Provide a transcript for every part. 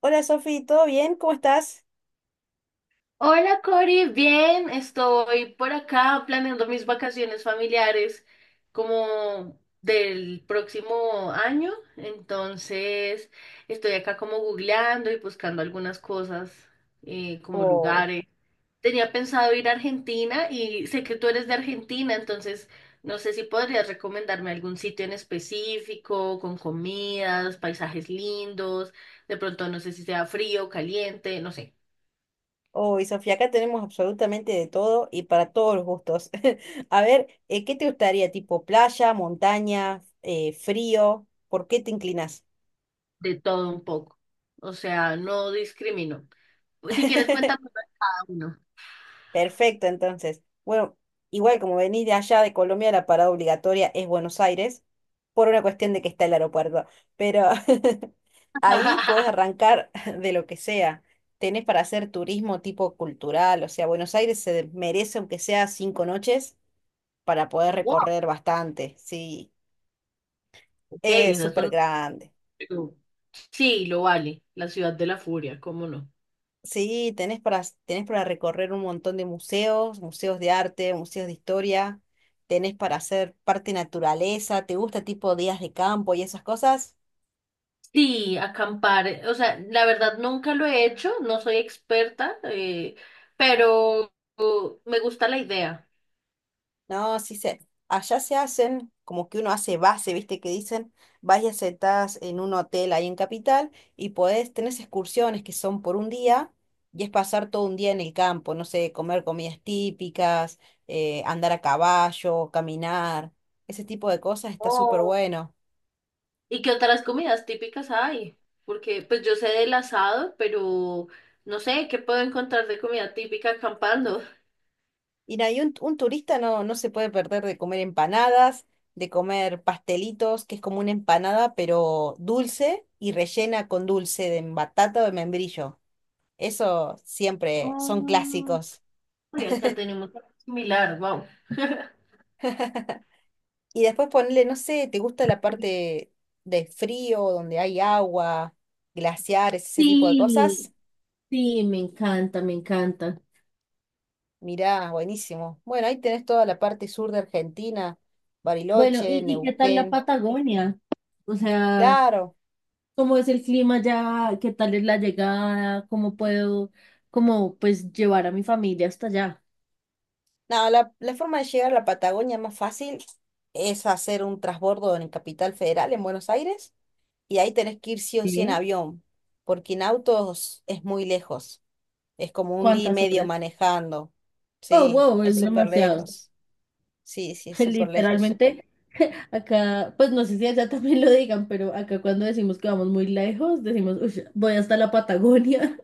Hola Sofi, ¿todo bien? ¿Cómo estás? Hola Cori, bien, estoy por acá planeando mis vacaciones familiares como del próximo año, entonces estoy acá como googleando y buscando algunas cosas como lugares. Tenía pensado ir a Argentina y sé que tú eres de Argentina, entonces no sé si podrías recomendarme algún sitio en específico, con comidas, paisajes lindos, de pronto no sé si sea frío, caliente, no sé. Hoy, Sofía, acá tenemos absolutamente de todo y para todos los gustos. A ver, ¿qué te gustaría? ¿Tipo playa, montaña, frío? ¿Por qué te inclinas? De todo un poco. O sea, no discrimino. Pues, si quieres, cuéntame cada uno. Perfecto, entonces. Bueno, igual como venís de allá de Colombia, la parada obligatoria es Buenos Aires, por una cuestión de que está el aeropuerto. Pero ahí puedes arrancar de lo que sea. Tenés para hacer turismo tipo cultural, o sea, Buenos Aires se merece aunque sea 5 noches para poder Wow, recorrer bastante. Sí, ok, es esas súper son. grande. Sí, lo vale. La ciudad de la furia, ¿cómo no? Sí, tenés para recorrer un montón de museos, museos de arte, museos de historia, tenés para hacer parte naturaleza, ¿te gusta tipo días de campo y esas cosas? Sí, acampar, o sea, la verdad nunca lo he hecho, no soy experta, pero me gusta la idea. No, allá se hacen, como que uno hace base, ¿viste? Que dicen, vas y aceptás en un hotel ahí en Capital y tenés excursiones que son por un día y es pasar todo un día en el campo, no sé, comer comidas típicas, andar a caballo, caminar, ese tipo de cosas está súper Oh. bueno. ¿Y qué otras comidas típicas hay? Porque pues yo sé del asado, pero no sé qué puedo encontrar de comida típica acampando. Mira, y un turista no se puede perder de comer empanadas, de comer pastelitos, que es como una empanada, pero dulce y rellena con dulce de batata o de membrillo. Eso siempre son Oh. clásicos. Uy, acá tenemos algo similar, wow. Y después ponerle, no sé, ¿te gusta la parte de frío, donde hay agua, glaciares, ese tipo de cosas? Sí, sí, me encanta, me encanta. Mirá, buenísimo. Bueno, ahí tenés toda la parte sur de Argentina, Bueno, Bariloche, ¿y qué tal la Neuquén. Patagonia? O sea, Claro. ¿cómo es el clima ya? ¿Qué tal es la llegada? ¿Cómo puedo, como, pues, llevar a mi familia hasta allá? No, la forma de llegar a la Patagonia más fácil es hacer un transbordo en Capital Federal, en Buenos Aires, y ahí tenés que ir sí o sí en Sí. avión, porque en autos es muy lejos, es como un día y ¿Cuántas medio horas? manejando, Oh, sí, wow, es es súper demasiado. lejos, sí, sí, es súper lejos, Literalmente, acá, pues no sé si allá también lo digan, pero acá cuando decimos que vamos muy lejos, decimos, "Ush, voy hasta la Patagonia".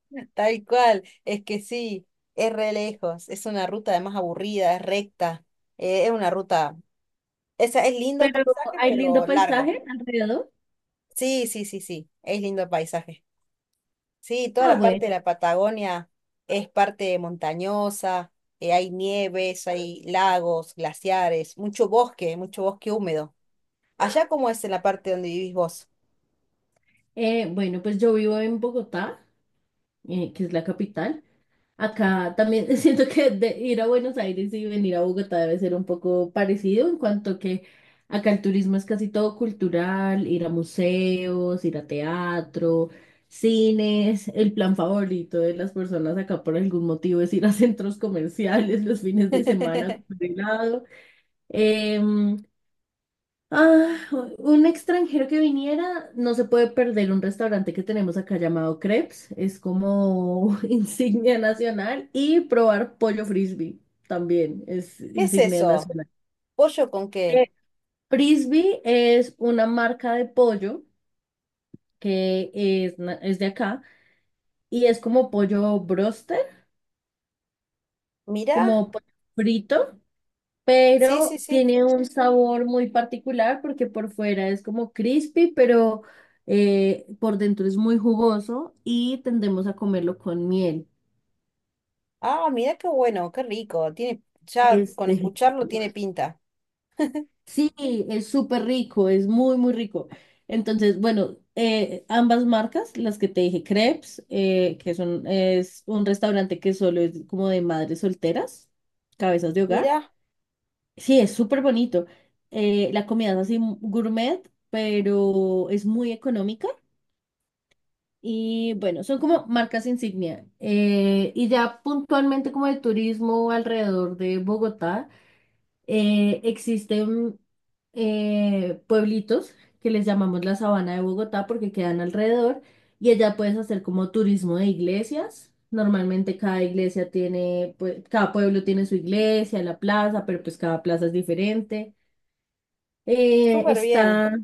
tal cual, es que sí, es re lejos, es una ruta además aburrida, es recta, es una ruta, es lindo el Pero paisaje, hay lindo pero largo, paisaje alrededor. sí, sí, sí, sí, es lindo el paisaje. Sí, toda Ah, la parte de bueno. la Patagonia es parte montañosa, hay nieves, hay lagos, glaciares, mucho bosque húmedo. ¿Allá cómo es en la parte donde vivís vos? Bueno, pues yo vivo en Bogotá, que es la capital. Acá también siento que de ir a Buenos Aires y venir a Bogotá debe ser un poco parecido en cuanto que acá el turismo es casi todo cultural, ir a museos, ir a teatro, cines. El plan favorito de las personas acá por algún motivo es ir a centros comerciales los fines de semana a ¿Qué comer helado. Em, Ah, un extranjero que viniera no se puede perder un restaurante que tenemos acá llamado Crepes. Es como insignia nacional, y probar pollo frisbee también es es insignia eso? nacional. ¿Pollo con qué? Eh, Frisbee es una marca de pollo que es, es de acá y es como pollo broster, Mirá, como pollo frito. sí, Pero sí, sí. tiene un sabor muy particular porque por fuera es como crispy, pero por dentro es muy jugoso y tendemos a comerlo con miel. Ah, mirá qué bueno, qué rico. Tiene, ya Es con delicioso. escucharlo tiene pinta. Sí, es súper rico, es muy, muy rico. Entonces, bueno, ambas marcas, las que te dije, Crepes, que son, es un restaurante que solo es como de madres solteras, cabezas de hogar. Mirá, Sí, es súper bonito. La comida es así gourmet, pero es muy económica. Y bueno, son como marcas insignia. Y ya puntualmente como de turismo alrededor de Bogotá, existen pueblitos que les llamamos la Sabana de Bogotá porque quedan alrededor, y allá puedes hacer como turismo de iglesias. Normalmente cada iglesia tiene, pues, cada pueblo tiene su iglesia, la plaza, pero pues cada plaza es diferente. Eh, súper bien. está,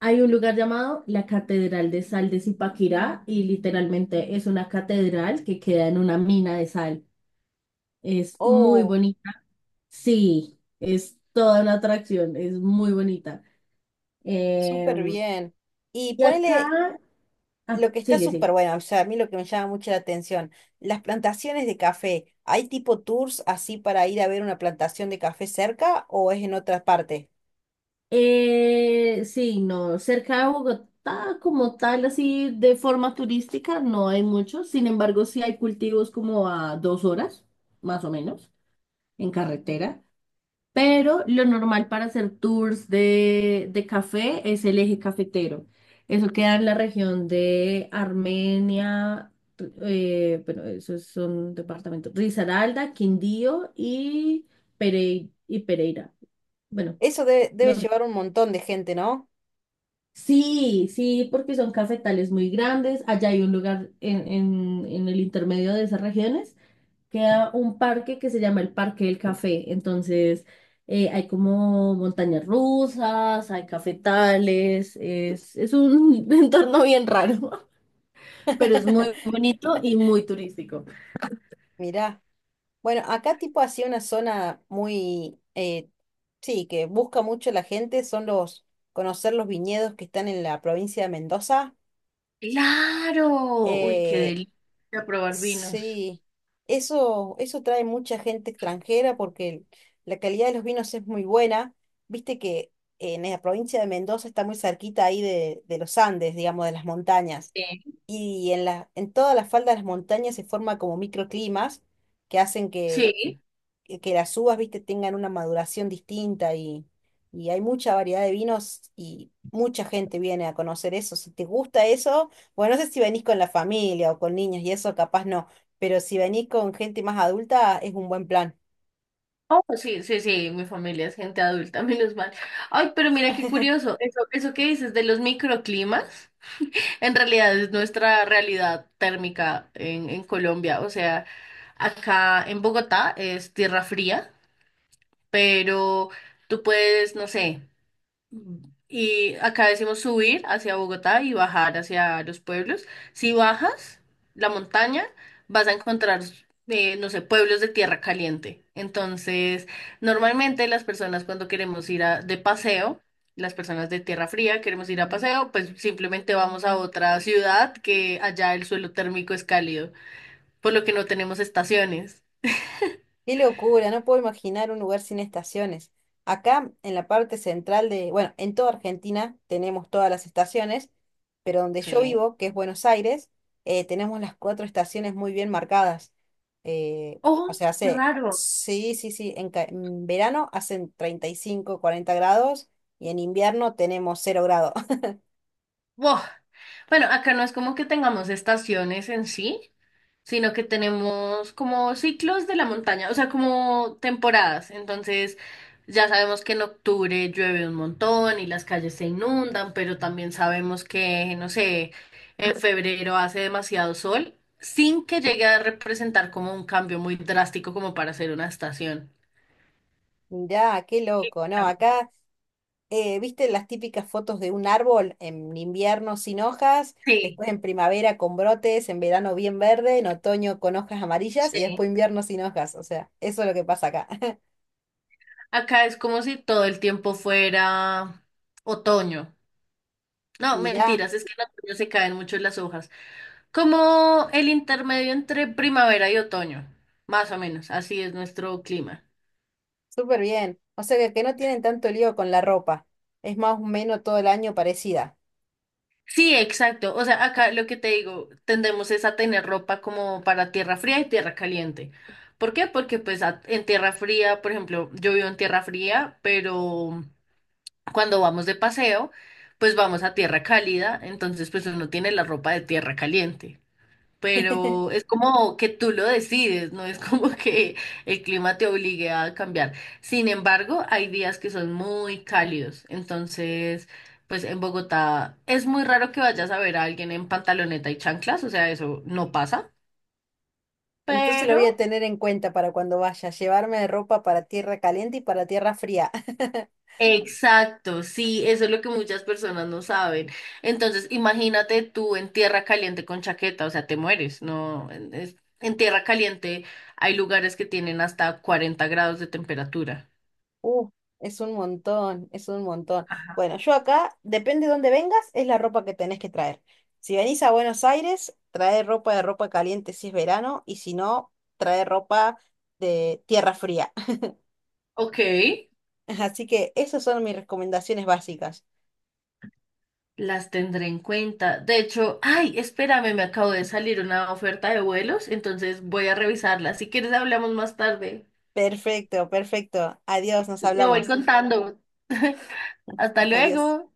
hay un lugar llamado la Catedral de Sal de Zipaquirá y literalmente es una catedral que queda en una mina de sal. Es muy Oh, bonita. Sí, es toda una atracción, es muy bonita. súper Em, bien. Y y ponele acá, ah, lo que está sigue, sí. súper bueno, o sea, a mí lo que me llama mucho la atención, las plantaciones de café, ¿hay tipo tours así para ir a ver una plantación de café cerca o es en otra parte? Sí, no, cerca de Bogotá como tal, así de forma turística, no hay mucho. Sin embargo, sí hay cultivos como a dos horas, más o menos, en carretera. Pero lo normal para hacer tours de café es el eje cafetero. Eso queda en la región de Armenia, bueno, esos son departamentos, Risaralda, Quindío y, y Pereira. Bueno, Eso debe no sé. llevar un montón de gente, ¿no? Sí, sí, porque son cafetales muy grandes. Allá hay un lugar en el intermedio de esas regiones queda un parque que se llama el Parque del Café. Entonces, hay como montañas rusas, hay cafetales, es un entorno bien raro, pero es muy bonito y muy turístico. Mirá. Bueno, acá tipo así una zona muy, sí, que busca mucho la gente, conocer los viñedos que están en la provincia de Mendoza. Claro, uy, qué eh delicia probar vinos. Sí, eso trae mucha gente extranjera porque la calidad de los vinos es muy buena. Viste que en la provincia de Mendoza está muy cerquita ahí de los Andes, digamos, de las montañas. Sí, Y en toda la falda de las montañas se forma como microclimas que hacen que, sí, que que las uvas, viste, tengan una maduración distinta y hay mucha variedad de vinos y mucha gente viene a conocer eso. Si te gusta eso, bueno, no sé si venís con la familia o con niños y eso, capaz no, pero si venís con gente más adulta, es un buen plan. oh, pues sí, sí, sí, mi familia es gente adulta, menos mal. Ay, pero mira qué curioso, eso que dices de los microclimas. En realidad es nuestra realidad térmica en Colombia. O sea, acá en Bogotá es tierra fría, pero tú puedes, no sé. Y acá decimos subir hacia Bogotá y bajar hacia los pueblos. Si bajas la montaña, vas a encontrar, no sé, pueblos de tierra caliente. Entonces, normalmente las personas cuando queremos de paseo, las personas de tierra fría queremos ir a paseo, pues simplemente vamos a otra ciudad que allá el suelo térmico es cálido, por lo que no tenemos estaciones. Qué locura, no puedo imaginar un lugar sin estaciones. Acá en la parte central de, bueno, en toda Argentina tenemos todas las estaciones, pero donde yo Sí. vivo, que es Buenos Aires, tenemos las cuatro estaciones muy bien marcadas. Oh, O sea, qué raro. sí, sí, sí, en verano hacen 35 40 grados y en invierno tenemos 0 grados. Buah. Bueno, acá no es como que tengamos estaciones en sí, sino que tenemos como ciclos de la montaña, o sea, como temporadas. Entonces, ya sabemos que en octubre llueve un montón y las calles se inundan, pero también sabemos que, no sé, en febrero hace demasiado sol, sin que llegue a representar como un cambio muy drástico como para hacer una estación. Mirá, qué loco, ¿no? Acá ¿viste las típicas fotos de un árbol en invierno sin hojas, Sí, después en primavera con brotes, en verano bien verde, en otoño con hojas amarillas y después sí. invierno sin hojas? O sea, eso es lo que pasa acá. Acá es como si todo el tiempo fuera otoño. No, Mirá, mentiras, es que en otoño se caen mucho las hojas. Como el intermedio entre primavera y otoño, más o menos, así es nuestro clima. súper bien. O sea que no tienen tanto lío con la ropa. Es más o menos todo el año parecida. Sí, exacto. O sea, acá lo que te digo, tendemos es a tener ropa como para tierra fría y tierra caliente. ¿Por qué? Porque pues en tierra fría, por ejemplo, yo vivo en tierra fría, pero cuando vamos de paseo, pues vamos a tierra cálida, entonces pues uno tiene la ropa de tierra caliente. Pero es como que tú lo decides, no es como que el clima te obligue a cambiar. Sin embargo, hay días que son muy cálidos, entonces, pues en Bogotá es muy raro que vayas a ver a alguien en pantaloneta y chanclas, o sea, eso no pasa, Entonces lo voy a pero... tener en cuenta para cuando vaya, llevarme ropa para tierra caliente y para tierra fría. Exacto, sí, eso es lo que muchas personas no saben. Entonces, imagínate tú en tierra caliente con chaqueta, o sea, te mueres, no, en tierra caliente hay lugares que tienen hasta 40 grados de temperatura. Uh, es un montón, es un montón. Bueno, yo acá, depende de dónde vengas, es la ropa que tenés que traer. Si venís a Buenos Aires, trae ropa de ropa caliente si es verano, y si no, trae ropa de tierra fría. Ok, Así que esas son mis recomendaciones básicas. las tendré en cuenta. De hecho, ay, espérame, me acabo de salir una oferta de vuelos, entonces voy a revisarla. Si quieres, hablamos más tarde. Perfecto, perfecto. Adiós, nos Yo te voy hablamos. contando. Hasta Adiós. luego.